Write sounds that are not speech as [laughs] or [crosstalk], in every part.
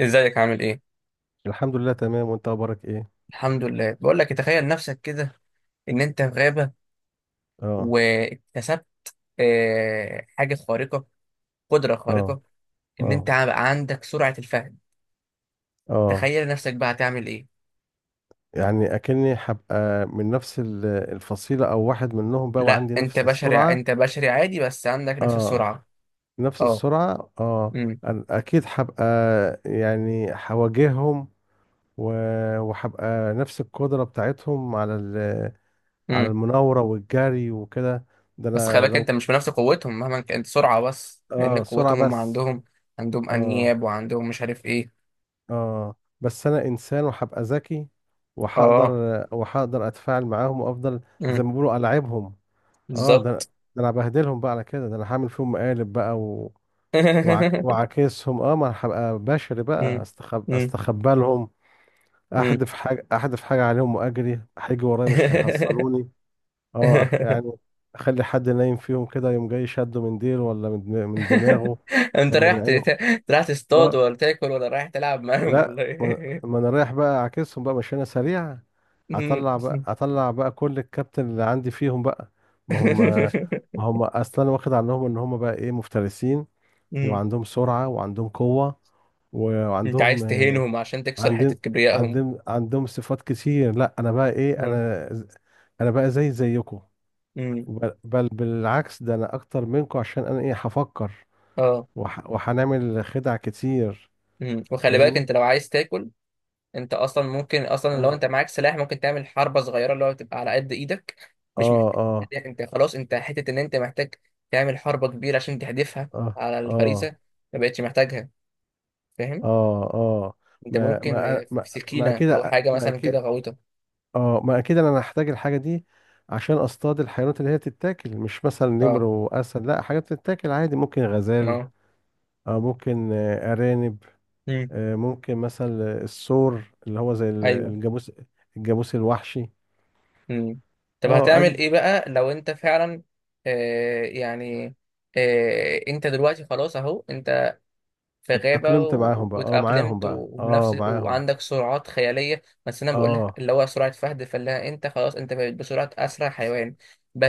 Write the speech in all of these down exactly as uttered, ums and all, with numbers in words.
ازيك عامل ايه؟ الحمد لله تمام، وانت اخبارك ايه؟ الحمد لله. بقول لك تخيل نفسك كده ان انت في غابة اه. واكتسبت آه، حاجة خارقة، قدرة خارقة، اه. ان انت اه. بقى عندك سرعة الفهم. اه. تخيل نفسك بقى هتعمل ايه؟ يعني اكني هبقى من نفس ال- الفصيلة او واحد منهم بقى، لا، وعندي انت نفس بشري، السرعة. انت بشري عادي بس عندك نفس اه. السرعة. نفس اه. السرعة. اه. امم. أنا اكيد هبقى، يعني هواجههم، و- وهبقى نفس القدرة بتاعتهم على ال- على امم. المناورة والجري وكده. ده بس خلي انا بالك، لو انت ك- مش بنفس قوتهم مهما كانت سرعة، بس لان اه، سرعة قوتهم هم بس. عندهم عندهم اه. انياب وعندهم مش عارف ايه. اه. بس انا انسان وهبقى ذكي، اه، وهقدر اه، وهقدر اتفاعل معاهم، وافضل زي امم. ما بيقولوا العبهم. اه ده بالظبط. ده انا بهدلهم بقى على كده، ده انا هعمل فيهم مقالب بقى و... وعك... [laughs] وعاكسهم. اه، ما انا هبقى بشري بقى، امم. استخب... امم. استخبى لهم، امم. احدف حاجه احدف حاجه عليهم واجري، هيجي ورايا مش [laughs] هيحصلوني. اه، أخ- يعني [laughs] اخلي حد نايم فيهم كده يوم جاي، شده من ديله، ولا من دم- من دماغه، انت ولا من رايح ت- عينه. ت- رايح تصطاد اه. ولا تاكل ولا رايح تلعب معاهم لا. ولا ايه؟ لما انا رايح بقى اعكسهم بقى، مش انا سريع؟ مم. هطلع بقى هطلع بقى كل الكابتن اللي عندي فيهم بقى. ما هم ما [laughs] هم اصلا انا واخد عنهم ان هم بقى ايه، مفترسين، مم. وعندهم سرعة، وعندهم قوة، انت وعندهم عايز تهينهم عشان تكسر عندهم حتة كبريائهم. عندهم عندهم صفات كتير. لا انا بقى ايه، ها. انا انا بقى زي زيكم، مم. بل بل بالعكس، ده انا اكتر منكم، عشان انا ايه، هفكر اه. وح وهنعمل خدع كتير. مم. وخلي بالك فاهمني. انت لو عايز تاكل، انت اصلا ممكن، اصلا لو اه. انت معاك سلاح ممكن تعمل حربة صغيرة اللي هو تبقى على قد ايدك، مش اه. اه. محتاج انت خلاص، انت حتة ان انت محتاج تعمل حربة كبيرة عشان تحدفها اه. على اه. الفريسة، ما بقتش محتاجها. فاهم؟ اه. اه. انت ما ممكن ما آه، ما, في ما سكينة اكيد، او حاجة ما مثلا كده اكيد. غويطة. اه، ما اكيد انا هحتاج الحاجه دي عشان اصطاد الحيوانات اللي هي تتاكل، مش مثلا نمر اه. واسد، لا، حاجات تتاكل عادي، ممكن غزال. اه. اه، ممكن آه، ارانب. امم. آه، ممكن مثلا الثور اللي هو زي ال- ايوه. الجاموس، الجاموس الوحشي. امم. طب اه هتعمل اجي ايه بقى لو انت فعلا آه يعني آه انت دلوقتي خلاص، اهو انت في غابة اتاقلمت معاهم و- بقى، اه معاهم واتأقلمت بقى، اه وبنفس معاهم. وعندك سرعات خيالية، بس انا بقول لك اه. اللي هو سرعة فهد فلاحة، انت خلاص انت بقيت بسرعة اسرع حيوان.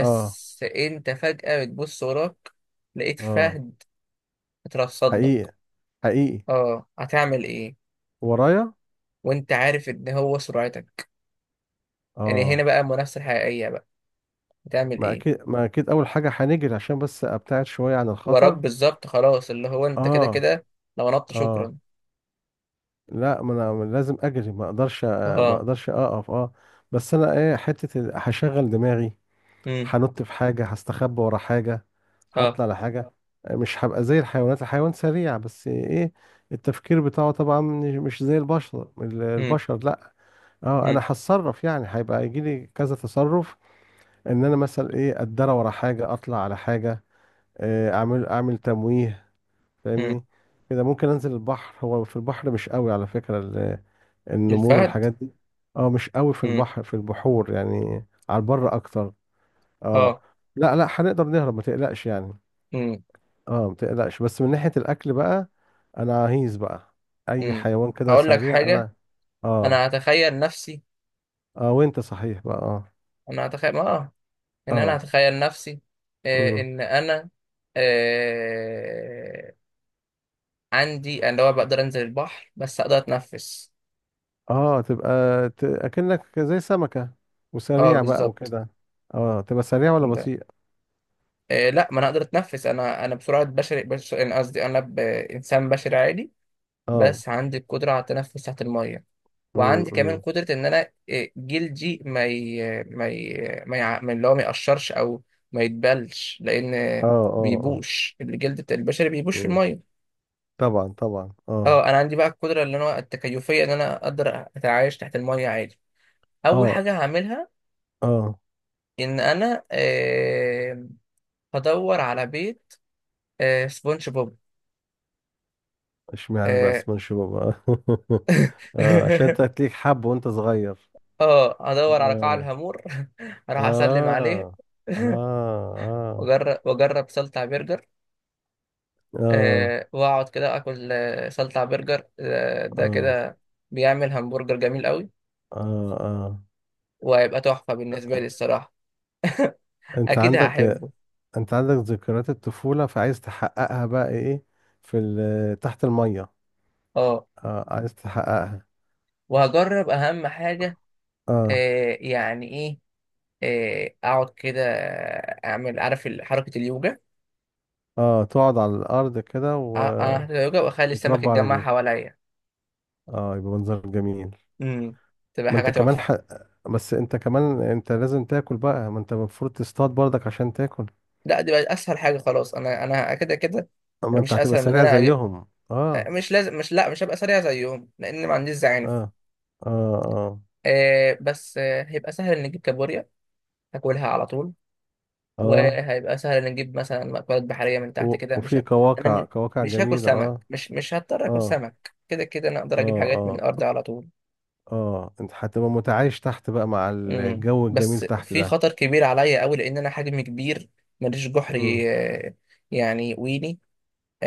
اه. انت فجأة بتبص وراك، لقيت اه. فهد اترصد حقيقي، لك. حقيقي، اه، هتعمل ايه؟ ورايا. وانت عارف ان هو سرعتك. يعني هنا اه، بقى المنافسة الحقيقية بقى. بتعمل ما ايه؟ اكيد، ما اكيد، اول حاجه هنجري عشان بس ابتعد شويه عن وراك الخطر. بالظبط، خلاص، اللي هو انت كده اه. كده لو نط اه. شكرا. لا ما انا لازم اجري، ما اقدرش، ما اه. اقدرش اقف. اه، بس انا ايه، حته ال- هشغل دماغي، امم. هنط في حاجه، هستخبى ورا حاجه، اه. هطلع لحاجه. مش هبقى زي الحيوانات، الحيوان سريع بس ايه، التفكير بتاعه طبعا مش مش زي البشر، ال- امم. البشر، لا. اه، انا امم. هتصرف، يعني هيبقى يجي لي كذا تصرف، ان انا مثلا ايه، اتدرى ورا حاجه، اطلع على حاجه، آه، اعمل اعمل تمويه. امم. فاهمني. كده ممكن انزل البحر، هو في البحر مش قوي على فكرة ال- النمور الفهد. والحاجات دي. اه، مش قوي في امم. البحر، في البحور، يعني على البر اكتر. اه. اه. لا، لا، هنقدر نهرب ما تقلقش يعني. امم. اه، ما تقلقش. بس من ناحية الاكل بقى، انا عايز بقى اي امم. حيوان كده هقول لك سريع حاجة، انا. اه. انا هتخيل نفسي، اه، وانت صحيح بقى. اه. انا هتخيل اه ان انا اه هتخيل نفسي، آه امم ان انا آه عندي اللي هو بقدر انزل البحر بس اقدر اتنفس. اه تبقى، ت... اكنك زي سمكة، اه، وسريع بقى بالظبط. وكده. اه، تبقى سريع ولا انت بطيء؟ آه، لا، ما انا اقدر اتنفس. انا انا بسرعه بشري، بشري، أنا قصدي انا ب- انسان بشري عادي، اه بس عندي القدره على التنفس تحت الميه، وعندي كمان امم قدره ان انا آه، جلدي ما ي... ما ي... ما يع... ما اللي هو ما يقشرش او ما يتبلش، لان اه. آه، اه. اه. بيبوش، الجلد بتاع البشري بيبوش في مم. الميه. طبعا، طبعا. اه. اه، انا عندي بقى القدره اللي انا التكيفيه ان انا اقدر اتعايش تحت الميه عادي. اول اه. حاجه هعملها اه. ان انا آه، هدور على بيت آه، سبونج بوب. اشمعنى بقى آه، اسمه شباب؟ [laughs] اه، عشان [laughs] انت تليك حب وانت صغير. اه، هدور على قاع اه. الهامور. [laughs] راح اسلم عليه. اه. اه. [laughs] اه. واجرب واجرب سلطع برجر. أه، واقعد كده اكل آه، سلطع برجر، آه، ده اه. كده بيعمل همبرجر جميل قوي، اه. اه. وهيبقى تحفة بالنسبة لي الصراحة. انت اكيد عندك، هحبه. انت عندك ذكريات الطفولة، فعايز تحققها بقى ايه في ال- تحت المية. اه، اه، عايز تحققها. وهجرب اهم حاجة. اه. أه يعني ايه؟ آه، اقعد كده، اعمل عارف ال- حركة اليوجا. اه. تقعد على الارض كده أ- و... أعمل حركة اليوجا واخلي السمك وتربى على يتجمع رجلك. حواليا. اه، يبقى منظر جميل. امم. تبقى ما حاجة انت كمان تحفة. ح... بس انت كمان انت لازم تاكل بقى، ما انت المفروض تصطاد برضك عشان تاكل. لا، دي بقت اسهل حاجه، خلاص، انا انا كده كده ما انت مش هتبقى اسهل من إن سريع انا زيهم. أج- اه. مش لازم، مش، لا، مش هبقى سريع زيهم لان ما عنديش زعانف. اه. اه. اه. آه بس آه هيبقى سهل ان نجيب كابوريا، هاكلها على طول. اه. وهيبقى سهل ان نجيب مثلا مأكولات بحريه من و... تحت كده. مش وفي ه... انا م- قواقع، قواقع مش هاكل جميلة. سمك، اه. مش مش هضطر اكل اه. سمك، كده كده انا اقدر اه. اجيب حاجات من اه. الارض على طول. اه. انت هتبقى متعايش تحت بقى مع امم. الجو الجميل بس تحت. في خطر كبير عليا قوي لان انا حجمي كبير، ماليش ده جحري. آه، يعني ويني.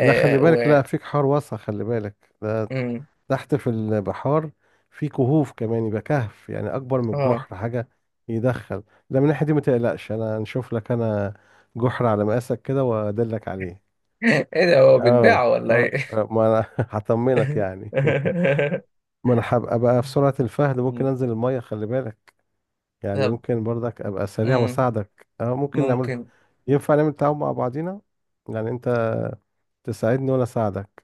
لا، خلي بالك، و لا، في بحار واسع، خلي بالك ده امم تحت في البحار، في كهوف كمان، يبقى كهف يعني اكبر من اه. الجحر، حاجه يدخل. ده من الناحيه دي ما تقلقش، انا نشوف لك انا جحر على مقاسك كده وادلك عليه. [laughs] ايه ده، هو بيتباع اه. ولا اه. ايه؟ آه، ما انا [laughs] هطمنك يعني. [laughs] [laughs] ما انا هبقى بقى في سرعه الفهد، ممكن مم. انزل الميه خلي بالك، يعني طب. ممكن برضك ابقى سريع مم. واساعدك. اه، ممكن نعمل، ممكن. ينفع نعمل تعاون مع بعضينا، يعني انت تساعدني وانا اساعدك.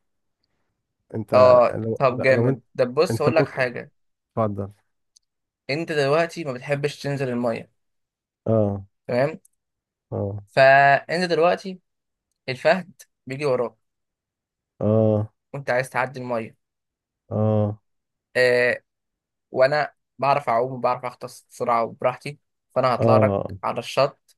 انت اه، لو طب لو جامد، انت، طب بص، انت هقول لك ممكن، حاجه. اتفضل. انت دلوقتي ما بتحبش تنزل الميه، اه. تمام؟ اه. فانت دلوقتي، الفهد بيجي وراك، اه. وانت عايز تعدي الميه. اه. آه، وانا بعرف اعوم وبعرف اغطس بسرعه وبراحتي، فانا هطلع لك اه. على الشط.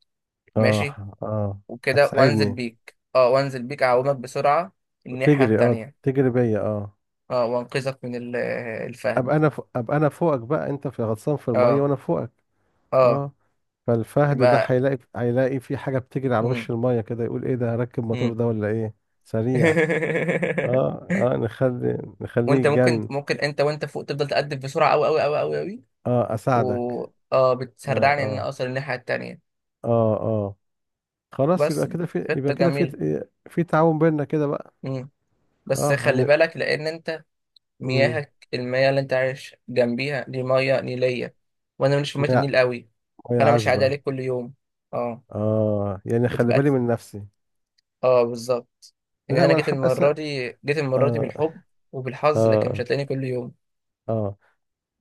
اه. ماشي؟ اه. وكده، وانزل هتساعدني، بيك، اه، وانزل بيك اعومك بسرعه الناحيه تجري، اه التانيه، تجري بيا. اه. اه، وانقذك من ال- الفهد. ابقى انا فوق، ابقى انا فوقك بقى، انت في غطسان في الميه اه. وانا فوقك. اه. اه. فالفهد ده يبقى. هيلاقي هيلاقي في حاجه بتجري على وش مم. الميه كده، يقول ايه ده، هركب موتور مم. ده ولا ايه؟ سريع. [laughs] اه. اه، نخلي نخليه وانت ممكن، يتجن. ممكن انت وانت فوق، تفضل تقدم بسرعه قوي قوي قوي قوي قوي، اه، و اساعدك. اه اه. بتسرعني ان أنا اه. اوصل الناحيه التانيه. اه. اه. خلاص، بس يبقى كده في، خطه يبقى كده جميله. في، في تعاون بيننا كده بقى. مم. بس اه خلي هن بالك لان انت، مم. مياهك، المياه اللي انت عايش جنبيها دي مياه نيليه، وانا ماليش في مياه مية، النيل قوي. مية فانا مش عادي عذبة. عليك كل يوم. اه، اه، يعني خلي بتبقى، بالي من نفسي. اه، بالظبط، ان لا انا ما انا جيت هبقى س... المره دي، جيت المره دي اه. بالحب وبالحظ، لكن مش اه. هتلاقيني كل يوم. اه.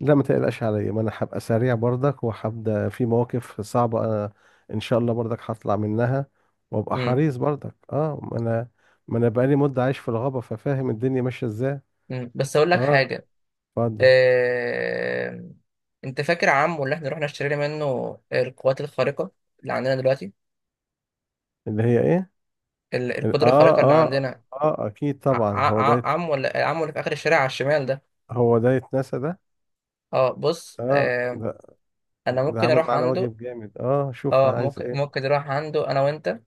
لا، ما تقلقش عليا، ما انا هبقى سريع برضك، وهبدا في مواقف صعبة انا، ان شاء الله برضك هطلع منها. وابقى مم. حريص برضك. اه، ما انا ما انا بقالي مدة عايش في الغابة، ففاهم الدنيا ماشية ازاي. مم. بس اقول لك اه، حاجه. اتفضل. آه... انت فاكر عمو اللي احنا رحنا اشترينا منه القوات الخارقه اللي عندنا دلوقتي؟ اللي هي ايه؟ ال- ال- القدره اه. الخارقه اللي اه. عندنا، اه، اكيد ع... طبعا، ع... هو ع- ده، عمو اللي... عمو اللي في اخر الشارع على الشمال ده. هو ده، يتنسى ده؟ اه، بص، اه آه... ده، انا ده ممكن عمل اروح معانا عنده. واجب جامد، اه شوف اه، عايز ممكن، ايه. ممكن نروح عنده انا وانت،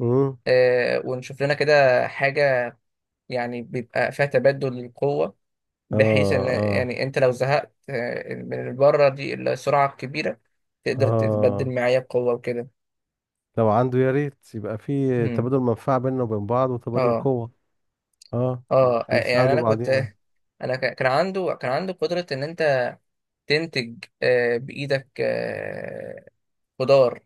امم. آه... ونشوف لنا كده حاجه، يعني بيبقى فيها تبادل للقوه، اه. بحيث ان اه. يعني انت لو زهقت آه، من البره دي السرعه الكبيره، تقدر اه. تتبدل معايا بقوه وكده. لو عنده يا ريت يبقى في تبادل منفعة بيننا وبين بعض، وتبادل اه. قوة. اه، اه يعني نساعده انا كنت، بعضينا. انا ك- كان عنده كان عنده قدرة ان انت تنتج آه، بايدك آه، خضار.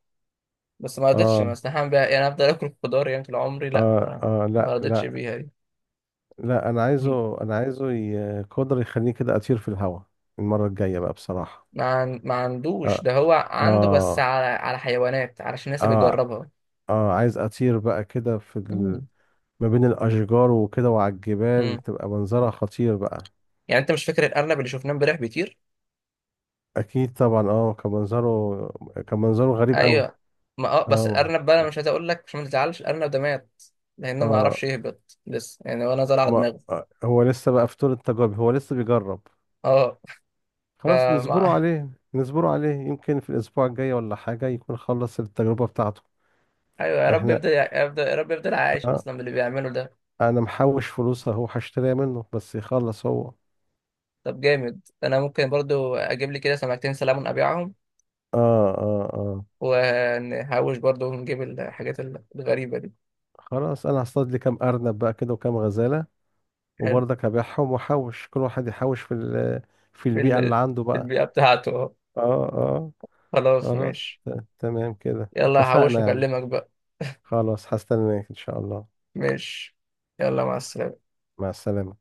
بس ما رضيتش، اه. ما استحمل بيها، يعني افضل اكل خضار يعني طول عمري؟ لا، اه. انا اه. ما لا، رضيتش لا. بيها دي. لا، انا مم. عايزه، انا عايزه ي- قدر يخليني كده اطير في الهواء. المرة الجاية بقى بصراحة. ما عن- ما عندوش، اه. ده هو عنده بس اه. على على حيوانات، علشان الناس اه, بيجربها. آه عايز اطير بقى كده في مم. ما بين الأشجار وكده، وعلى الجبال، مم. تبقى منظرها خطير بقى. يعني انت مش فاكر الارنب اللي شفناه امبارح بيطير؟ أكيد طبعا. اه، كان منظره، كان منظره غريب أوي. ايوه. ما اه، بس اه. الارنب بقى، انا مش عايز اقول لك عشان ما تزعلش، الارنب ده مات لانه ما عرفش اه، يهبط لسه يعني، وانا زرع ما دماغه. آه، هو لسه بقى في طور التجارب، هو لسه بيجرب. اه. خلاص نصبره فما [laughs] عليه، نصبره عليه، يمكن في الأسبوع الجاي ولا حاجة يكون خلص التجربة بتاعته. ايوه، يا رب احنا، يفضل، يفضل، يا رب يفضل عايش آه اصلا باللي بيعمله ده. أنا محوش فلوس أهو، هشتريها منه بس يخلص هو. اه. طب جامد، انا ممكن برضو اجيب لي كده سمكتين سلمون ابيعهم، اه. اه. ونحوش برضو ونجيب الحاجات الغريبه دي. خلاص، أنا هصطاد لي كام أرنب بقى كده وكام غزالة، حلو. وبرضك هبيعهم، واحوش كل واحد يحوش في ال- في في البيئة اللي ال- عنده في بقى. البيئه بتاعته أهو. اه. اه. خلاص، خلاص ماشي. ت- تمام كده يلا، هحوش اتفقنا يعني. واكلمك بقى. خلاص هستناك ان شاء الله. ماشي. يلا، مع السلامه. مع السلامة.